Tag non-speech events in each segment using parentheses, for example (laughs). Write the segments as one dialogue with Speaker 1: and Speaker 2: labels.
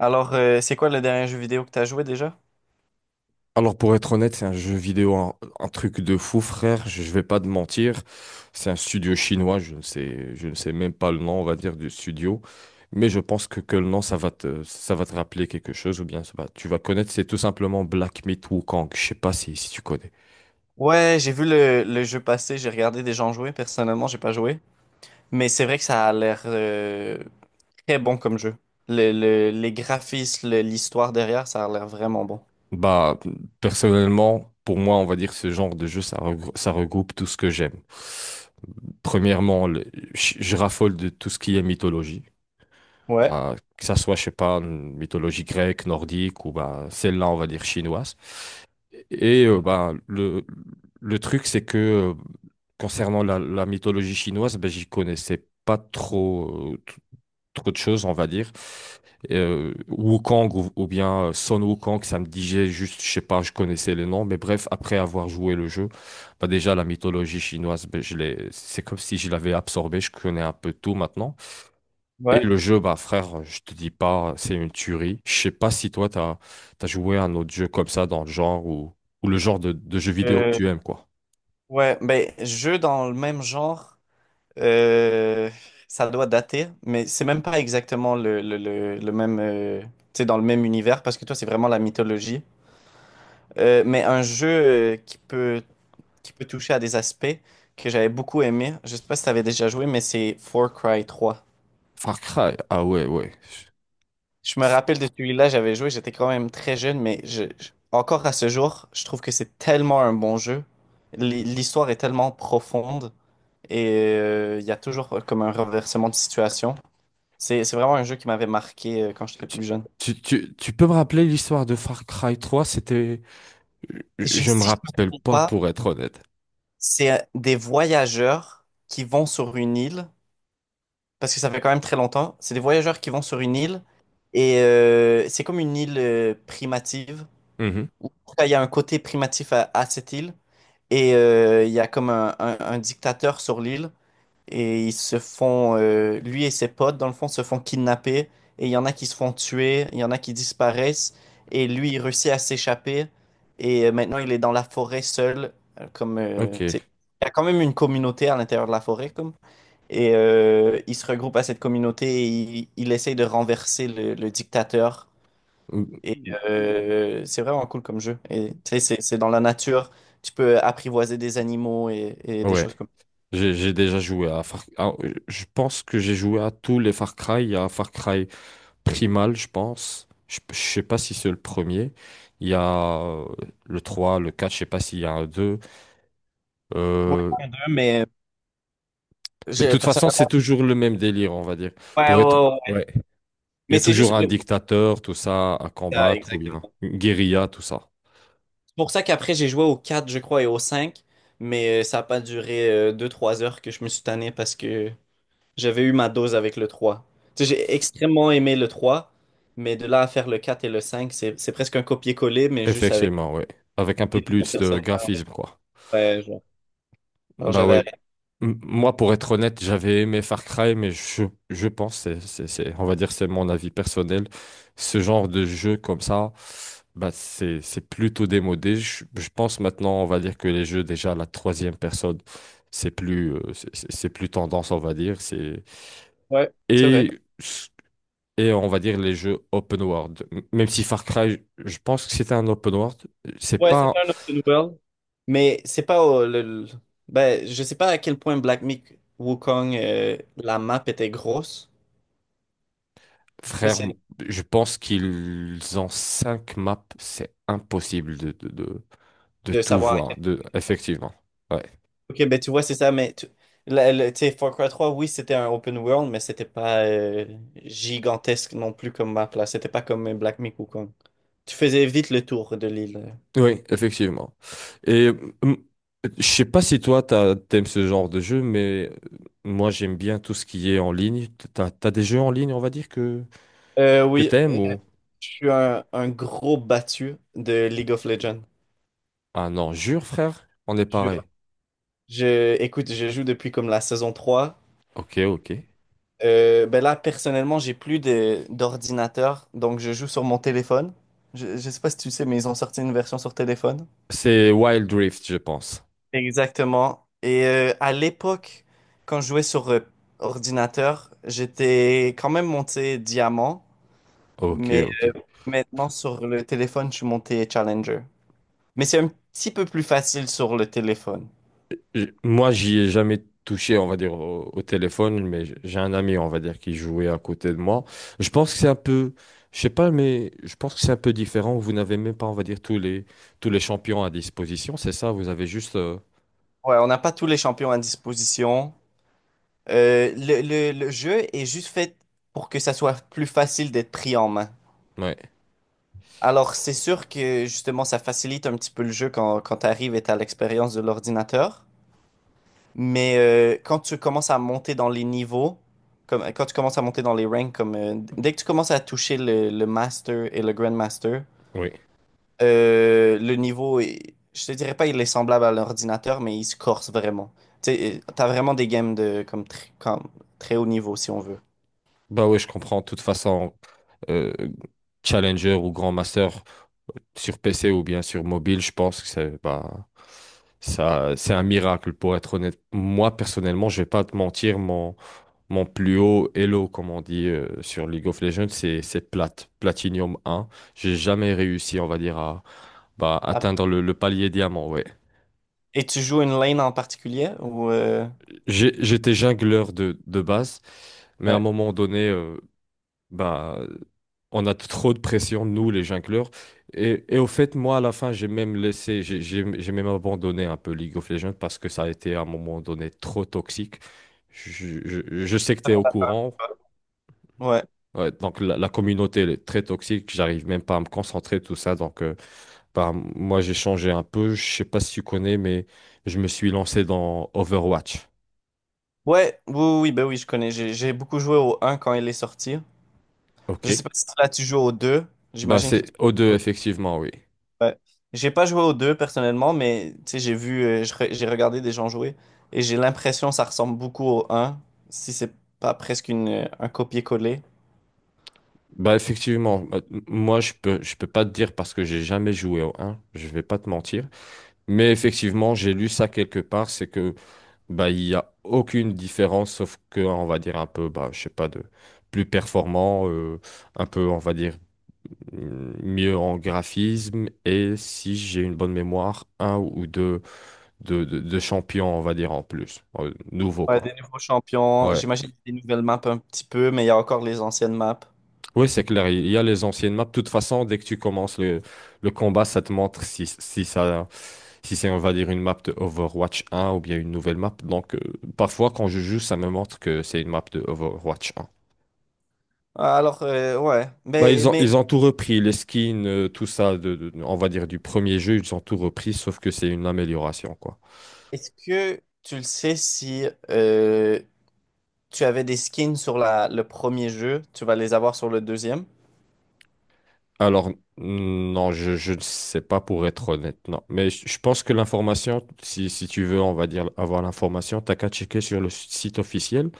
Speaker 1: Alors, c'est quoi le dernier jeu vidéo que t'as joué déjà?
Speaker 2: Alors pour être honnête, c'est un jeu vidéo, un truc de fou, frère. Je vais pas te mentir. C'est un studio chinois. Je ne sais même pas le nom, on va dire, du studio. Mais je pense que le nom, ça va te rappeler quelque chose ou bien tu vas connaître. C'est tout simplement Black Myth Wukong. Je sais pas si tu connais.
Speaker 1: Ouais, j'ai vu le jeu passer, j'ai regardé des gens jouer. Personnellement, j'ai pas joué. Mais c'est vrai que ça a l'air très bon comme jeu. Les graphismes, l'histoire derrière, ça a l'air vraiment bon.
Speaker 2: Bah, personnellement, pour moi, on va dire ce genre de jeu, ça regroupe tout ce que j'aime. Premièrement, je raffole de tout ce qui est mythologie.
Speaker 1: Ouais,
Speaker 2: Bah, que ça soit, je sais pas, une mythologie grecque, nordique ou bah, celle-là, on va dire chinoise. Et bah, le truc, c'est que concernant la mythologie chinoise, ben, j'y connaissais pas trop, trop de choses, on va dire. Wukong ou bien Sun Wukong, ça me disait juste, je sais pas, je connaissais les noms, mais bref, après avoir joué le jeu, bah déjà la mythologie chinoise, ben, c'est comme si je l'avais absorbée, je connais un peu tout maintenant. Et
Speaker 1: ouais.
Speaker 2: le jeu, bah frère, je te dis pas, c'est une tuerie. Je sais pas si toi, t'as joué à un autre jeu comme ça dans le genre ou le genre de jeu vidéo que
Speaker 1: Euh,
Speaker 2: tu aimes, quoi.
Speaker 1: ouais, ben, jeu dans le même genre, euh, ça doit dater, mais c'est même pas exactement le même, tu sais, dans le même univers, parce que toi, c'est vraiment la mythologie. Mais un jeu qui peut toucher à des aspects que j'avais beaucoup aimé. Je sais pas si tu avais déjà joué, mais c'est Far Cry 3.
Speaker 2: Far Cry, ah ouais, ouais.
Speaker 1: Je me rappelle de celui-là, j'avais joué, j'étais quand même très jeune, mais encore à ce jour, je trouve que c'est tellement un bon jeu. L'histoire est tellement profonde et il y a toujours comme un renversement de situation. C'est vraiment un jeu qui m'avait marqué quand j'étais
Speaker 2: Tu,
Speaker 1: plus jeune.
Speaker 2: tu peux me rappeler l'histoire de Far Cry 3? C'était. Je
Speaker 1: Je,
Speaker 2: je me
Speaker 1: si je ne me
Speaker 2: rappelle
Speaker 1: trompe
Speaker 2: pas
Speaker 1: pas,
Speaker 2: pour être honnête.
Speaker 1: c'est des voyageurs qui vont sur une île parce que ça fait quand même très longtemps. C'est des voyageurs qui vont sur une île et c'est comme une île primative.
Speaker 2: Mhm.
Speaker 1: En tout cas, il y a un côté primatif à cette île et il y a comme un dictateur sur l'île et ils se font, lui et ses potes, dans le fond, se font kidnapper et il y en a qui se font tuer, il y en a qui disparaissent et lui, il réussit à s'échapper et maintenant, il est dans la forêt seul,
Speaker 2: Ok.
Speaker 1: tu sais, il y a quand même une communauté à l'intérieur de la forêt, comme. Et il se regroupe à cette communauté et il essaye de renverser le dictateur.
Speaker 2: Ou-
Speaker 1: Et c'est vraiment cool comme jeu. Et tu sais, c'est dans la nature. Tu peux apprivoiser des animaux et des
Speaker 2: Ouais.
Speaker 1: choses comme
Speaker 2: J'ai déjà joué à ah, je pense que j'ai joué à tous les Far Cry. Il y a Far Cry Primal, je pense. Je sais pas si c'est le premier. Il y a le 3, le 4. Je sais pas s'il y a un 2.
Speaker 1: ça. Ouais,
Speaker 2: Euh,
Speaker 1: il y en a deux, mais
Speaker 2: Mais de
Speaker 1: j'ai
Speaker 2: toute façon, c'est
Speaker 1: personnellement.
Speaker 2: toujours le même délire, on va dire.
Speaker 1: Ouais,
Speaker 2: Pour être.
Speaker 1: ouais, ouais.
Speaker 2: Ouais. Il y
Speaker 1: Mais
Speaker 2: a
Speaker 1: c'est juste.
Speaker 2: toujours un dictateur, tout ça, à
Speaker 1: Ah,
Speaker 2: combattre, ou bien
Speaker 1: exactement.
Speaker 2: une guérilla, tout ça.
Speaker 1: C'est pour ça qu'après, j'ai joué au 4, je crois, et au 5. Mais ça n'a pas duré deux, trois heures que je me suis tanné parce que j'avais eu ma dose avec le 3. Tu sais, j'ai extrêmement aimé le 3, mais de là à faire le 4 et le 5, c'est presque un copier-coller, mais juste avec
Speaker 2: Effectivement, ouais. Avec un peu
Speaker 1: des nouveaux
Speaker 2: plus de
Speaker 1: personnages.
Speaker 2: graphisme, quoi.
Speaker 1: Ouais, genre. Alors
Speaker 2: Bah
Speaker 1: j'avais
Speaker 2: ouais.
Speaker 1: arrêté.
Speaker 2: Moi, pour être honnête, j'avais aimé Far Cry, mais je pense, on va dire, c'est mon avis personnel. Ce genre de jeu comme ça, bah, c'est plutôt démodé. Je pense maintenant, on va dire que les jeux, déjà, la troisième personne, c'est plus tendance, on va dire.
Speaker 1: Ouais, c'est vrai.
Speaker 2: Et, et on va dire les jeux open world. Même si Far Cry, je pense que c'était un open world, c'est
Speaker 1: Ouais, c'est
Speaker 2: pas.
Speaker 1: un open world. Mais c'est pas ben, je sais pas à quel point Black Myth Wukong, la map était grosse. Je sais pas
Speaker 2: Frère,
Speaker 1: si-
Speaker 2: je pense qu'ils ont cinq maps. C'est impossible de
Speaker 1: de
Speaker 2: tout
Speaker 1: savoir à
Speaker 2: voir. Effectivement. Ouais.
Speaker 1: ok, ben tu vois, c'est ça, mais tu tu sais, Far Cry 3, oui, c'était un open world, mais c'était pas gigantesque non plus comme map, là. C'était pas comme Black Myth Wukong. Tu faisais vite le tour de l'île.
Speaker 2: Oui, effectivement. Et hum, je sais pas si toi, t'aimes ce genre de jeu, mais moi, j'aime bien tout ce qui est en ligne. T'as des jeux en ligne, on va dire, que, que
Speaker 1: Oui,
Speaker 2: t'aimes ou...
Speaker 1: je suis un gros battu de League of Legends.
Speaker 2: Ah non, jure, frère, on est
Speaker 1: Jure.
Speaker 2: pareil.
Speaker 1: Je, écoute, je joue depuis comme la saison 3.
Speaker 2: Ok, ok.
Speaker 1: Ben là, personnellement, d'ordinateur, donc je joue sur mon téléphone. Je sais pas si tu sais, mais ils ont sorti une version sur téléphone.
Speaker 2: C'est Wild Rift, je pense.
Speaker 1: Exactement. Et à l'époque, quand je jouais sur ordinateur, j'étais quand même monté diamant,
Speaker 2: Ok,
Speaker 1: mais
Speaker 2: ok.
Speaker 1: maintenant sur le téléphone, je suis monté challenger. Mais c'est un petit peu plus facile sur le téléphone.
Speaker 2: Moi, j'y ai jamais touché, on va dire, au téléphone, mais j'ai un ami, on va dire, qui jouait à côté de moi. Je pense que c'est un peu, je sais pas, mais je pense que c'est un peu différent. Vous n'avez même pas, on va dire, tous les champions à disposition, c'est ça? Vous avez juste.
Speaker 1: Ouais, on n'a pas tous les champions à disposition. Le jeu est juste fait pour que ça soit plus facile d'être pris en main.
Speaker 2: Ouais,
Speaker 1: Alors, c'est sûr que justement, ça facilite un petit peu le jeu quand, quand tu arrives et tu l'expérience de l'ordinateur. Mais quand tu commences à monter dans les niveaux, comme, quand tu commences à monter dans les ranks, comme, dès que tu commences à toucher le Master et le Grandmaster,
Speaker 2: oui.
Speaker 1: le niveau, est- je te dirais pas il est semblable à l'ordinateur, mais il se corse vraiment. Tu sais, t'as vraiment des games de comme, comme très haut niveau, si on veut.
Speaker 2: Bah oui, je comprends. De toute façon, euh, Challenger ou Grand Master sur PC ou bien sur mobile, je pense que c'est bah, ça, c'est un miracle, pour être honnête. Moi, personnellement, je vais pas te mentir, Mon plus haut elo, comme on dit sur League of Legends, c'est Platinum 1. J'ai jamais réussi, on va dire, à bah,
Speaker 1: Ah.
Speaker 2: atteindre le palier diamant. Ouais.
Speaker 1: Et tu joues une lane en particulier ou
Speaker 2: J'étais jungleur de base, mais à un
Speaker 1: ouais.
Speaker 2: moment donné, bah, on a trop de pression, nous, les jungleurs. Et au fait, moi, à la fin, j'ai même laissé, j'ai même abandonné un peu League of Legends parce que ça a été à un moment donné trop toxique. Je sais que tu es au courant.
Speaker 1: Ouais.
Speaker 2: Ouais, donc la communauté elle est très toxique, j'arrive même pas à me concentrer, tout ça. Donc bah, moi j'ai changé un peu, je sais pas si tu connais, mais je me suis lancé dans Overwatch.
Speaker 1: Ouais, oui, oui, oui, ben oui, je connais. J'ai beaucoup joué au un quand il est sorti.
Speaker 2: Ok.
Speaker 1: Je sais pas si là tu joues au deux.
Speaker 2: Bah
Speaker 1: J'imagine que
Speaker 2: c'est
Speaker 1: tu...
Speaker 2: O2 effectivement, oui.
Speaker 1: Ouais. J'ai pas joué aux deux personnellement, mais tu sais, j'ai vu, j'ai regardé des gens jouer et j'ai l'impression que ça ressemble beaucoup au un si c'est pas presque un copier-coller.
Speaker 2: Bah effectivement, bah, moi je peux pas te dire parce que j'ai jamais joué au 1, je vais pas te mentir. Mais effectivement, j'ai lu ça quelque part, c'est que bah il y a aucune différence sauf que on va dire un peu bah je sais pas de plus performant, un peu on va dire mieux en graphisme et si j'ai une bonne mémoire, un ou deux de champions, on va dire en plus, nouveau
Speaker 1: Ouais, des
Speaker 2: quoi.
Speaker 1: nouveaux champions,
Speaker 2: Ouais.
Speaker 1: j'imagine des nouvelles maps un petit peu, mais il y a encore les anciennes maps.
Speaker 2: Oui, c'est clair, il y a les anciennes maps. De toute façon, dès que tu commences le combat, ça te montre si c'est, on va dire, une map de Overwatch 1 ou bien une nouvelle map. Donc, parfois, quand je joue, ça me montre que c'est une map de Overwatch 1.
Speaker 1: Alors, ouais,
Speaker 2: Bah, ils ont,
Speaker 1: mais
Speaker 2: ils ont tout repris, les skins, tout ça, on va dire, du premier jeu, ils ont tout repris, sauf que c'est une amélioration, quoi.
Speaker 1: est-ce que tu le sais si euh, tu avais des skins sur le premier jeu, tu vas les avoir sur le deuxième?
Speaker 2: Alors, non, je ne sais pas pour être honnête, non. Mais je pense que l'information, si tu veux, on va dire, avoir l'information, t'as qu'à checker sur le site officiel.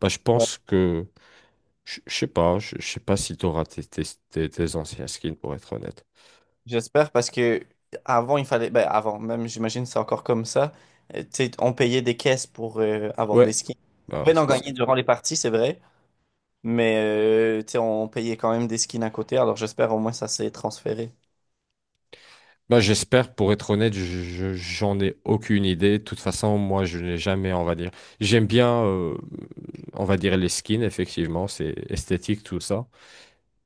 Speaker 2: Bah, je sais pas si tu auras tes- anciens skins, pour être honnête.
Speaker 1: J'espère parce que avant il fallait ben avant même j'imagine c'est encore comme ça, tu sais on payait des caisses pour avoir des
Speaker 2: Ouais.
Speaker 1: skins.
Speaker 2: Bah,
Speaker 1: On
Speaker 2: ouais,
Speaker 1: pouvait en ouais gagner durant les parties, c'est vrai, mais tu sais on payait quand même des skins à côté, alors j'espère au moins ça s'est transféré.
Speaker 2: bah, j'espère, pour être honnête, j'en ai aucune idée. De toute façon, moi, je n'ai jamais, on va dire. J'aime bien, on va dire, les skins, effectivement, c'est esthétique, tout ça.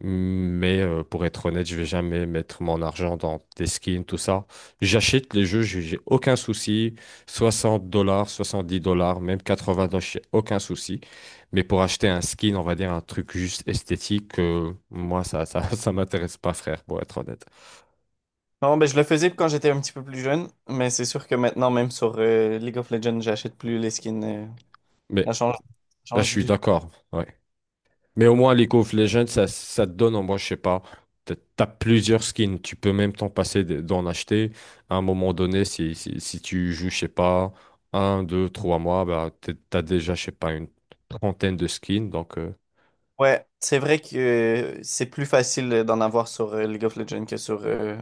Speaker 2: Mais pour être honnête, je vais jamais mettre mon argent dans des skins, tout ça. J'achète les jeux, j'ai aucun souci. 60 dollars, 70 dollars, même 80 dollars, j'ai aucun souci. Mais pour acheter un skin, on va dire un truc juste esthétique, moi, (laughs) ça m'intéresse pas, frère, pour être honnête.
Speaker 1: Non, ben je le faisais quand j'étais un petit peu plus jeune, mais c'est sûr que maintenant même sur League of Legends, j'achète plus les skins.
Speaker 2: Mais
Speaker 1: Ça change, ça
Speaker 2: là, je
Speaker 1: change
Speaker 2: suis
Speaker 1: du tout.
Speaker 2: d'accord. Ouais. Mais au moins, League of Legends, ça te donne, moi, je sais pas, t'as plusieurs skins, tu peux même t'en passer d'en acheter. À un moment donné, si tu joues, je sais pas, un, deux, trois mois, bah, t'as déjà, je sais pas, une trentaine de skins. Donc,
Speaker 1: Ouais, c'est vrai que c'est plus facile d'en avoir sur League of Legends que sur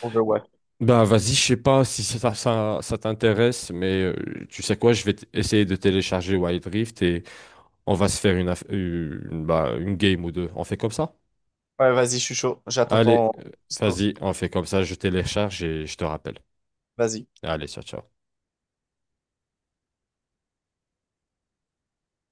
Speaker 1: Overwatch.
Speaker 2: bah, vas-y, je sais pas si ça t'intéresse, mais tu sais quoi, je vais essayer de télécharger Wild Rift et on va se faire une, aff- une, bah, une game ou deux. On fait comme ça?
Speaker 1: Ouais, vas-y, je suis chaud. J'attends
Speaker 2: Allez,
Speaker 1: ton... texto.
Speaker 2: vas-y, on fait comme ça, je télécharge et je te rappelle.
Speaker 1: Vas-y.
Speaker 2: Allez, ciao, ciao.